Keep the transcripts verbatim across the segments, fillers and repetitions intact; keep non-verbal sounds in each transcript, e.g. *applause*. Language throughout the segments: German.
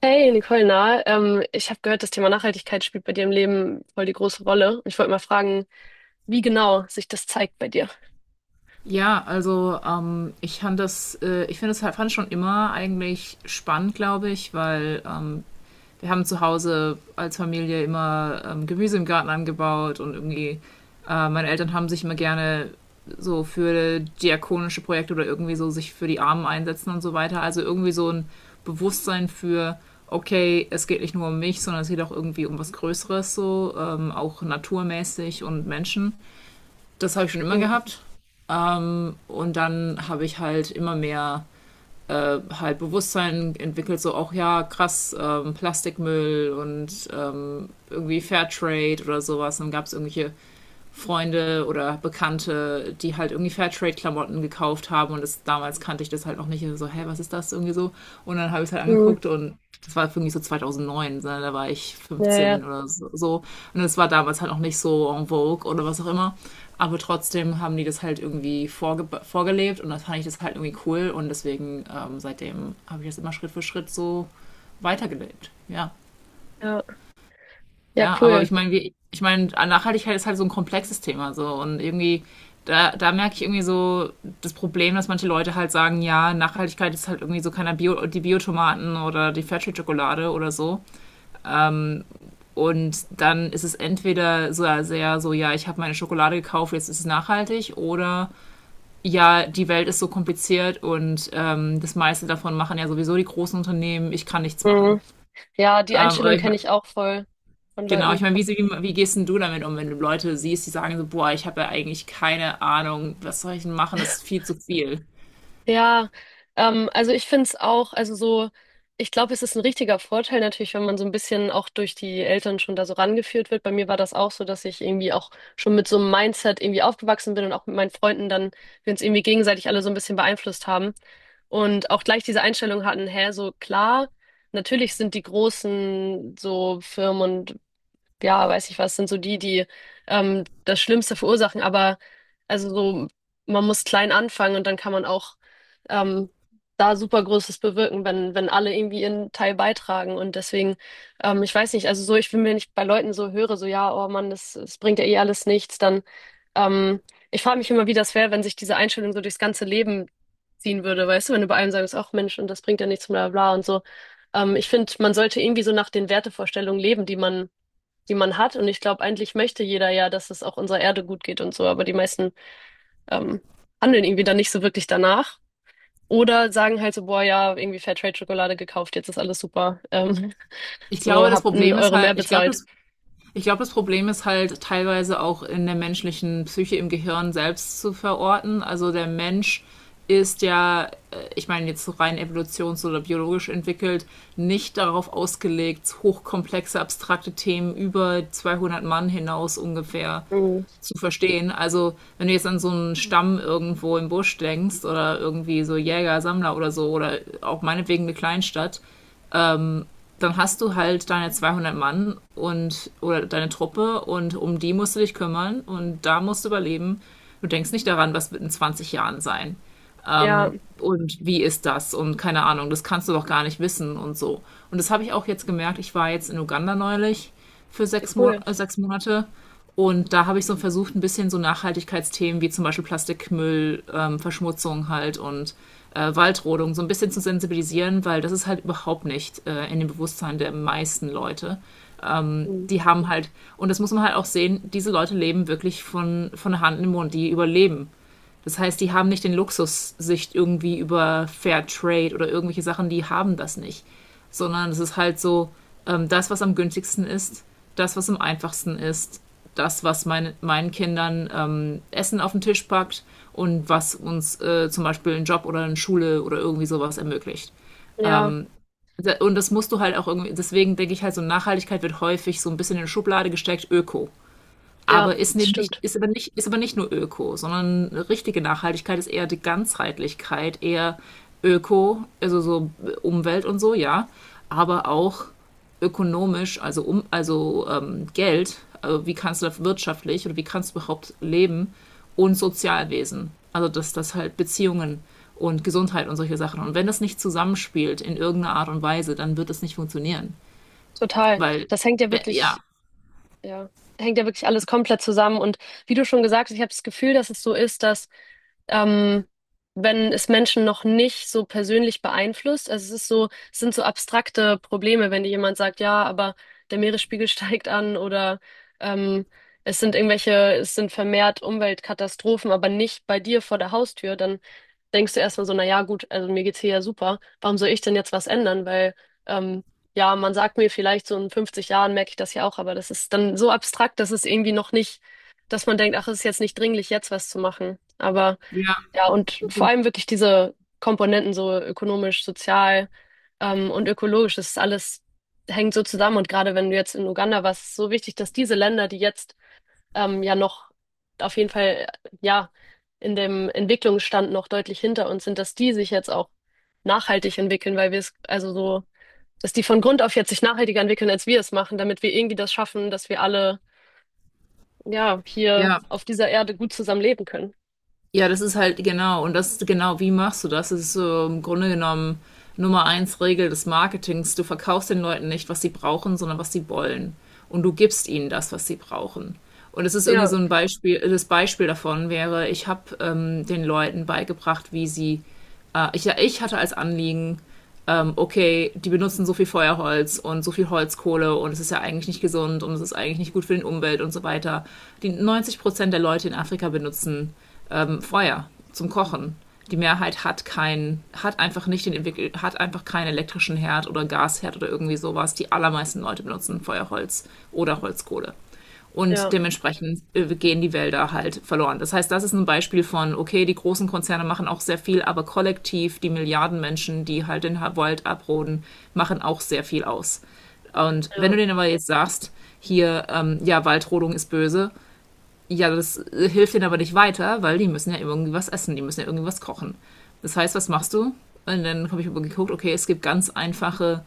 Hey Nicole, na, ähm, ich habe gehört, das Thema Nachhaltigkeit spielt bei dir im Leben voll die große Rolle. Und ich wollte mal fragen, wie genau sich das zeigt bei dir. Ja, also ähm, ich fand das, äh, ich finde es halt, fand schon immer eigentlich spannend, glaube ich, weil ähm, wir haben zu Hause als Familie immer ähm, Gemüse im Garten angebaut und irgendwie äh, meine Eltern haben sich immer gerne so für diakonische Projekte oder irgendwie so sich für die Armen einsetzen und so weiter. Also irgendwie so ein Bewusstsein für, okay, es geht nicht nur um mich, sondern es geht auch irgendwie um was Größeres so, ähm, auch naturmäßig und Menschen. Das habe ich schon immer Mhm. gehabt. Ähm, und dann habe ich halt immer mehr äh, halt Bewusstsein entwickelt, so auch ja, krass, ähm, Plastikmüll und ähm, irgendwie Fairtrade oder sowas. Dann gab es irgendwelche Freunde oder Bekannte, die halt irgendwie Fairtrade-Klamotten gekauft haben und das, damals kannte ich das halt noch nicht. Also so, hä, was ist das irgendwie so? Und dann habe ich es halt Mhm. angeguckt und das war irgendwie so zwanzig null neun, ne, da war ich Ja, fünfzehn ja, oder so- so. Und das war damals halt noch nicht so en vogue oder was auch immer. Aber trotzdem haben die das halt irgendwie vorge vorgelebt und dann fand ich das halt irgendwie cool und deswegen ähm, seitdem habe ich das immer Schritt für Schritt so weitergelebt. Ja. ja, ja, Ja, aber cool. ich meine, wie, ich meine, Nachhaltigkeit ist halt so ein komplexes Thema so und irgendwie da, da merke ich irgendwie so das Problem, dass manche Leute halt sagen, ja, Nachhaltigkeit ist halt irgendwie so keiner Bio, die Biotomaten oder die Fairtrade-Schokolade oder so. Und dann ist es entweder so sehr so, ja, ich habe meine Schokolade gekauft, jetzt ist es nachhaltig, oder ja, die Welt ist so kompliziert und ähm, das meiste davon machen ja sowieso die großen Unternehmen, ich kann nichts machen. Mhm. Ja, die Ähm, aber Einstellung ich, kenne ich auch voll von Genau, ich Leuten. meine, wie, wie, wie gehst denn du damit um, wenn du Leute siehst, die sagen so, boah, ich habe ja eigentlich keine Ahnung, was soll ich denn machen, das ist viel zu viel. Ja, ähm, also ich finde es auch, also so, ich glaube, es ist ein richtiger Vorteil natürlich, wenn man so ein bisschen auch durch die Eltern schon da so rangeführt wird. Bei mir war das auch so, dass ich irgendwie auch schon mit so einem Mindset irgendwie aufgewachsen bin und auch mit meinen Freunden dann, wir uns irgendwie gegenseitig alle so ein bisschen beeinflusst haben, und auch gleich diese Einstellung hatten, hä, so klar, natürlich sind die großen so Firmen, ja, weiß ich was, sind so die, die ähm, das Schlimmste verursachen. Aber, also so, man muss klein anfangen und dann kann man auch ähm, da super Großes bewirken, wenn, wenn alle irgendwie ihren Teil beitragen. Und deswegen, ähm, ich weiß nicht, also so, ich will mir nicht bei Leuten so höre, so ja, oh Mann, das, das bringt ja eh alles nichts, dann, ähm, ich frage mich immer, wie das wäre, wenn sich diese Einstellung so durchs ganze Leben ziehen würde, weißt du, wenn du bei einem sagst, ach Mensch, und das bringt ja nichts, bla bla bla und so. Ähm, ich finde, man sollte irgendwie so nach den Wertevorstellungen leben, die man die man hat. Und ich glaube, eigentlich möchte jeder ja, dass es auch unserer Erde gut geht und so, aber die meisten ähm, handeln irgendwie dann nicht so wirklich danach. Oder sagen halt so, boah, ja, irgendwie Fairtrade-Schokolade gekauft, jetzt ist alles super. Ähm, Ich glaube, so, das habt einen Problem ist Euro halt, mehr ich glaube, bezahlt. das, ich glaube, das Problem ist halt teilweise auch in der menschlichen Psyche im Gehirn selbst zu verorten. Also der Mensch ist ja, äh, ich meine, jetzt so rein evolutions- oder biologisch entwickelt, nicht darauf ausgelegt, hochkomplexe, abstrakte Themen über zweihundert Mann hinaus ungefähr Mhm. zu verstehen. Also, wenn du jetzt an so einen Stamm irgendwo im Busch denkst oder irgendwie so Jäger, Sammler oder so oder auch meinetwegen eine Kleinstadt, dann hast du halt deine zweihundert Mann und oder deine Truppe und um die musst du dich kümmern und da musst du überleben. Du denkst nicht daran, was wird in zwanzig Jahren sein Ja, und wie ist das und keine Ahnung, das kannst du doch gar nicht wissen und so. Und das habe ich auch jetzt gemerkt, ich war jetzt in Uganda neulich für sechs, Mo cool. äh, sechs Monate und da habe ich so versucht, ein bisschen so Nachhaltigkeitsthemen wie zum Beispiel Plastikmüll, ähm, Verschmutzung halt und äh, Waldrodung so ein bisschen zu sensibilisieren, weil das ist halt überhaupt nicht äh, in dem Bewusstsein der meisten Leute. Ähm, Mhm. die haben halt, und das muss man halt auch sehen, diese Leute leben wirklich von, von der Hand in den Mund, die überleben, das heißt, die haben nicht den Luxus, sich irgendwie über Fair Trade oder irgendwelche Sachen, die haben das nicht. Sondern es ist halt so, ähm, das, was am günstigsten ist, das, was am einfachsten ist, das, was mein, meinen Kindern ähm, Essen auf den Tisch packt und was uns äh, zum Beispiel einen Job oder eine Schule oder irgendwie sowas ermöglicht. Ja, Und das musst du halt auch irgendwie, deswegen denke ich halt so, Nachhaltigkeit wird häufig so ein bisschen in eine Schublade gesteckt, Öko. ja, Aber ist das eben nicht, stimmt. ist aber nicht, ist aber nicht nur Öko, sondern richtige Nachhaltigkeit ist eher die Ganzheitlichkeit, eher Öko, also so Umwelt und so, ja, aber auch ökonomisch, also um, also ähm, Geld, also wie kannst du das wirtschaftlich oder wie kannst du überhaupt leben und Sozialwesen. Also dass das halt Beziehungen und Gesundheit und solche Sachen. Und wenn das nicht zusammenspielt in irgendeiner Art und Weise, dann wird das nicht funktionieren. Total. Weil, Das hängt ja wirklich. ja, Ja, hängt ja wirklich alles komplett zusammen. Und wie du schon gesagt hast, ich habe das Gefühl, dass es so ist, dass ähm, wenn es Menschen noch nicht so persönlich beeinflusst, also es ist so, es sind so abstrakte Probleme, wenn dir jemand sagt, ja, aber der Meeresspiegel *laughs* steigt an oder ähm, es sind irgendwelche, es sind vermehrt Umweltkatastrophen, aber nicht bei dir vor der Haustür, dann denkst du erstmal so, na ja, gut, also mir geht's hier ja super, warum soll ich denn jetzt was ändern? Weil, ähm, ja, man sagt mir vielleicht so in fünfzig Jahren merke ich das ja auch, aber das ist dann so abstrakt, dass es irgendwie noch nicht, dass man denkt, ach, es ist jetzt nicht dringlich, jetzt was zu machen. Aber ja, ja, und vor allem wirklich diese Komponenten, so ökonomisch, sozial, ähm, und ökologisch, das ist alles, hängt so zusammen. Und gerade wenn du jetzt in Uganda warst, ist es so wichtig, dass diese Länder, die jetzt ähm, ja noch, auf jeden Fall, ja, in dem Entwicklungsstand noch deutlich hinter uns sind, dass die sich jetzt auch nachhaltig entwickeln, weil wir es, also so, dass die von Grund auf jetzt sich nachhaltiger entwickeln, als wir es machen, damit wir irgendwie das schaffen, dass wir alle, ja, hier ja, auf dieser Erde gut zusammen leben können. ja, das ist halt genau, und das ist genau, wie machst du das? Das ist so im Grunde genommen Nummer eins Regel des Marketings. Du verkaufst den Leuten nicht, was sie brauchen, sondern was sie wollen. Und du gibst ihnen das, was sie brauchen. Und es ist irgendwie Ja, so ein Beispiel, das Beispiel davon wäre, ich habe ähm, den Leuten beigebracht, wie sie, äh, ich, ich hatte als Anliegen, ähm, okay, die benutzen so viel Feuerholz und so viel Holzkohle und es ist ja eigentlich nicht gesund und es ist eigentlich nicht gut für den Umwelt und so weiter. Die neunzig Prozent der Leute in Afrika benutzen ähm, Feuer zum Kochen. Die Mehrheit hat keinen, hat einfach nicht den entwickelt, hat einfach keinen elektrischen Herd oder Gasherd oder irgendwie sowas. Die allermeisten Leute benutzen Feuerholz oder Holzkohle. Und ja, dementsprechend äh, gehen die Wälder halt verloren. Das heißt, das ist ein Beispiel von, okay, die großen Konzerne machen auch sehr viel, aber kollektiv die Milliarden Menschen, die halt den Wald abroden, machen auch sehr viel aus. Und wenn ja, du denen aber jetzt sagst, hier, ähm, ja, Waldrodung ist böse, ja, das äh, hilft denen aber nicht weiter, weil die müssen ja irgendwie was essen, die müssen ja irgendwie was kochen. Das heißt, was machst du? Und dann habe ich aber geguckt, okay, es gibt ganz einfache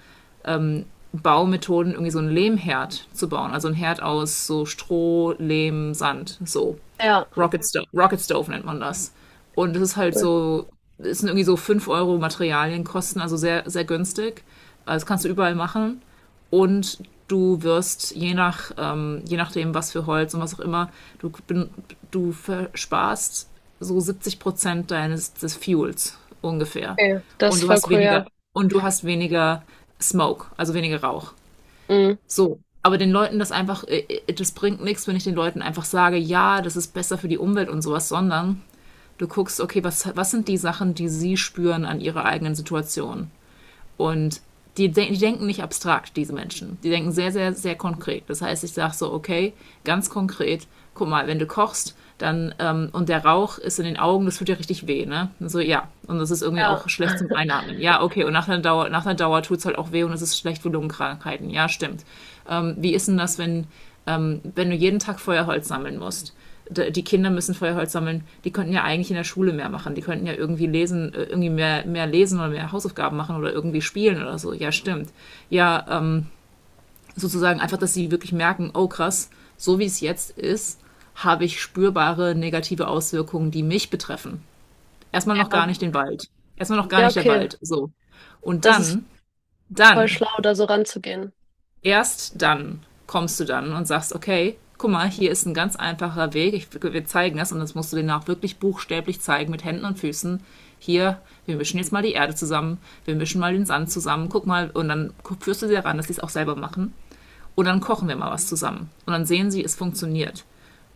Baumethoden, irgendwie so einen Lehmherd zu bauen. Also ein Herd aus so Stroh, Lehm, Sand, so. ja. Rocket Stove, Rocket Stove nennt man das. Und es ist halt Cool. so, es sind irgendwie so fünf Euro Materialien kosten, also sehr, sehr günstig. Also das kannst du überall machen und du wirst je nach ähm, je nachdem was für Holz und was auch immer du du versparst so siebzig Prozent deines des Fuels ungefähr Okay, das und ist du voll hast cool, weniger ja. und du hast weniger Smoke, also weniger Rauch. Mhm. So, aber den Leuten das einfach äh, äh, das bringt nichts, wenn ich den Leuten einfach sage, ja, das ist besser für die Umwelt und sowas, sondern du guckst, okay, was was sind die Sachen, die sie spüren an ihrer eigenen Situation. Und die, die denken nicht abstrakt, diese Menschen. Die denken sehr, sehr, sehr konkret. Das heißt, ich sage so, okay, ganz konkret, guck mal, wenn du kochst, dann, ähm, und der Rauch ist in den Augen, das tut ja richtig weh, ne? Und so, ja. Und das ist irgendwie Ja, auch schlecht zum *laughs* Einatmen. Ja, okay, und nach einer Dauer, nach einer Dauer tut es halt auch weh und es ist schlecht für Lungenkrankheiten. Ja, stimmt. Ähm, wie ist denn das, wenn, ähm, wenn du jeden Tag Feuerholz sammeln musst. Die Kinder müssen Feuerholz sammeln. Die könnten ja eigentlich in der Schule mehr machen. Die könnten ja irgendwie lesen, äh, irgendwie mehr, mehr lesen oder mehr Hausaufgaben machen oder irgendwie spielen oder so. Ja, stimmt. Ja, ähm, sozusagen einfach, dass sie wirklich merken, oh krass, so wie es jetzt ist, habe ich spürbare negative Auswirkungen, die mich betreffen. Erstmal noch ja, gar nicht den Wald. Erstmal noch gar ja, nicht der okay. Wald. So. Und Das ist dann, voll dann schlau, da so ranzugehen. erst dann kommst du dann und sagst, okay, guck mal, hier ist ein ganz einfacher Weg, ich, wir zeigen das und das musst du denen auch wirklich buchstäblich zeigen mit Händen und Füßen. Hier, wir mischen jetzt mal die Erde zusammen, wir mischen mal den Sand zusammen, guck mal, und dann führst du sie daran, dass sie es auch selber machen. Und dann kochen wir mal was zusammen. Und dann sehen sie, es funktioniert.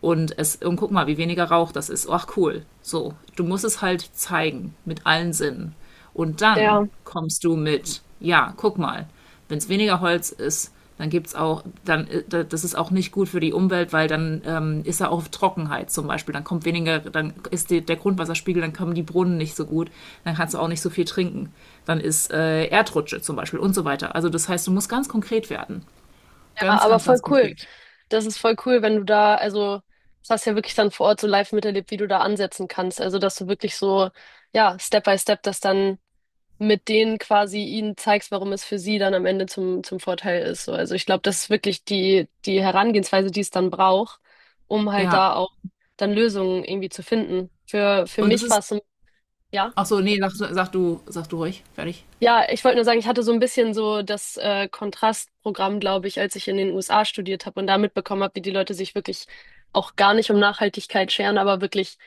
Und, es, und guck mal, wie weniger Rauch das ist. Ach cool. So, du musst es halt zeigen mit allen Sinnen. Und dann Ja, kommst du mit, ja, guck mal, wenn es weniger Holz ist, dann gibt's auch, dann das ist auch nicht gut für die Umwelt, weil dann ähm, ist er auch Trockenheit zum Beispiel. Dann kommt weniger, dann ist die, der Grundwasserspiegel, dann kommen die Brunnen nicht so gut, dann kannst du auch nicht so viel trinken. Dann ist äh, Erdrutsche zum Beispiel und so weiter. Also das heißt, du musst ganz konkret werden. ja, Ganz, aber ganz, voll ganz cool. konkret. Das ist voll cool, wenn du da, also, das hast du ja wirklich dann vor Ort so live miterlebt, wie du da ansetzen kannst. Also, dass du wirklich so, ja, Step by Step das dann mit denen quasi ihnen zeigst, warum es für sie dann am Ende zum, zum Vorteil ist. So, also ich glaube, das ist wirklich die, die Herangehensweise, die es dann braucht, um halt Ja. da auch dann Lösungen irgendwie zu finden. Für, für Und es mich war ist. es so, ja. Ach so, nee, sag, sag du, sag du ruhig. Fertig. Ja, ich wollte nur sagen, ich hatte so ein bisschen so das äh, Kontrastprogramm, glaube ich, als ich in den U S A studiert habe und da mitbekommen habe, wie die Leute sich wirklich auch gar nicht um Nachhaltigkeit scheren, aber wirklich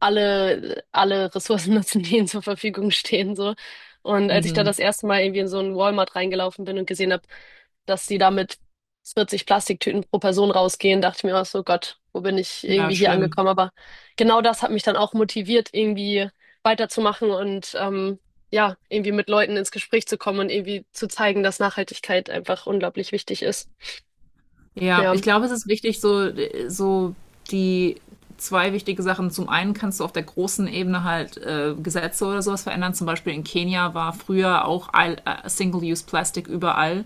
alle, alle Ressourcen *laughs* nutzen, die ihnen zur Verfügung stehen, so. Und als ich da Mhm. das erste Mal irgendwie in so einen Walmart reingelaufen bin und gesehen habe, dass sie da mit vierzig Plastiktüten pro Person rausgehen, dachte ich mir auch so, Gott, wo bin ich Ja, irgendwie hier schlimm. angekommen? Aber genau das hat mich dann auch motiviert, irgendwie weiterzumachen und ähm, ja, irgendwie mit Leuten ins Gespräch zu kommen und irgendwie zu zeigen, dass Nachhaltigkeit einfach unglaublich wichtig ist. Ja, Ja, ich glaube, es ist wichtig, so, so die zwei wichtige Sachen. Zum einen kannst du auf der großen Ebene halt äh, Gesetze oder sowas verändern. Zum Beispiel in Kenia war früher auch all- äh, Single-Use-Plastik überall.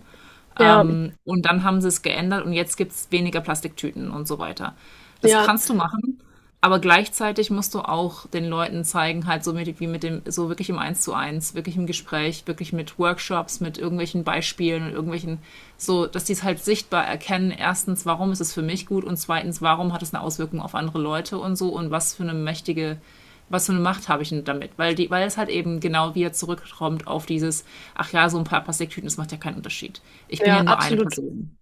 ja, Und dann haben sie es geändert und jetzt gibt es weniger Plastiktüten und so weiter. Das ja, kannst du machen, aber gleichzeitig musst du auch den Leuten zeigen, halt so mit, wie mit dem, so wirklich im Eins zu eins, wirklich im Gespräch, wirklich mit Workshops, mit irgendwelchen Beispielen und irgendwelchen, so, dass die es halt sichtbar erkennen. Erstens, warum ist es für mich gut und zweitens, warum hat es eine Auswirkung auf andere Leute und so und was für eine mächtige was für eine Macht habe ich denn damit? Weil, die, weil es halt eben genau wieder zurückkommt auf dieses, ach ja, so ein paar Plastiktüten, das macht ja keinen Unterschied. Ich bin ja, ja nur eine absolut. Person.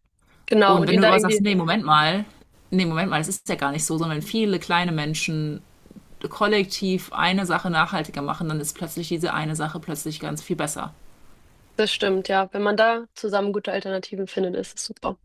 Genau. Und Und wenn ihn du da aber sagst, irgendwie, nee, Moment mal, nee, Moment mal, das ist ja gar nicht so, sondern viele kleine Menschen kollektiv eine Sache nachhaltiger machen, dann ist plötzlich diese eine Sache plötzlich ganz viel besser. das stimmt, ja. Wenn man da zusammen gute Alternativen findet, ist es super.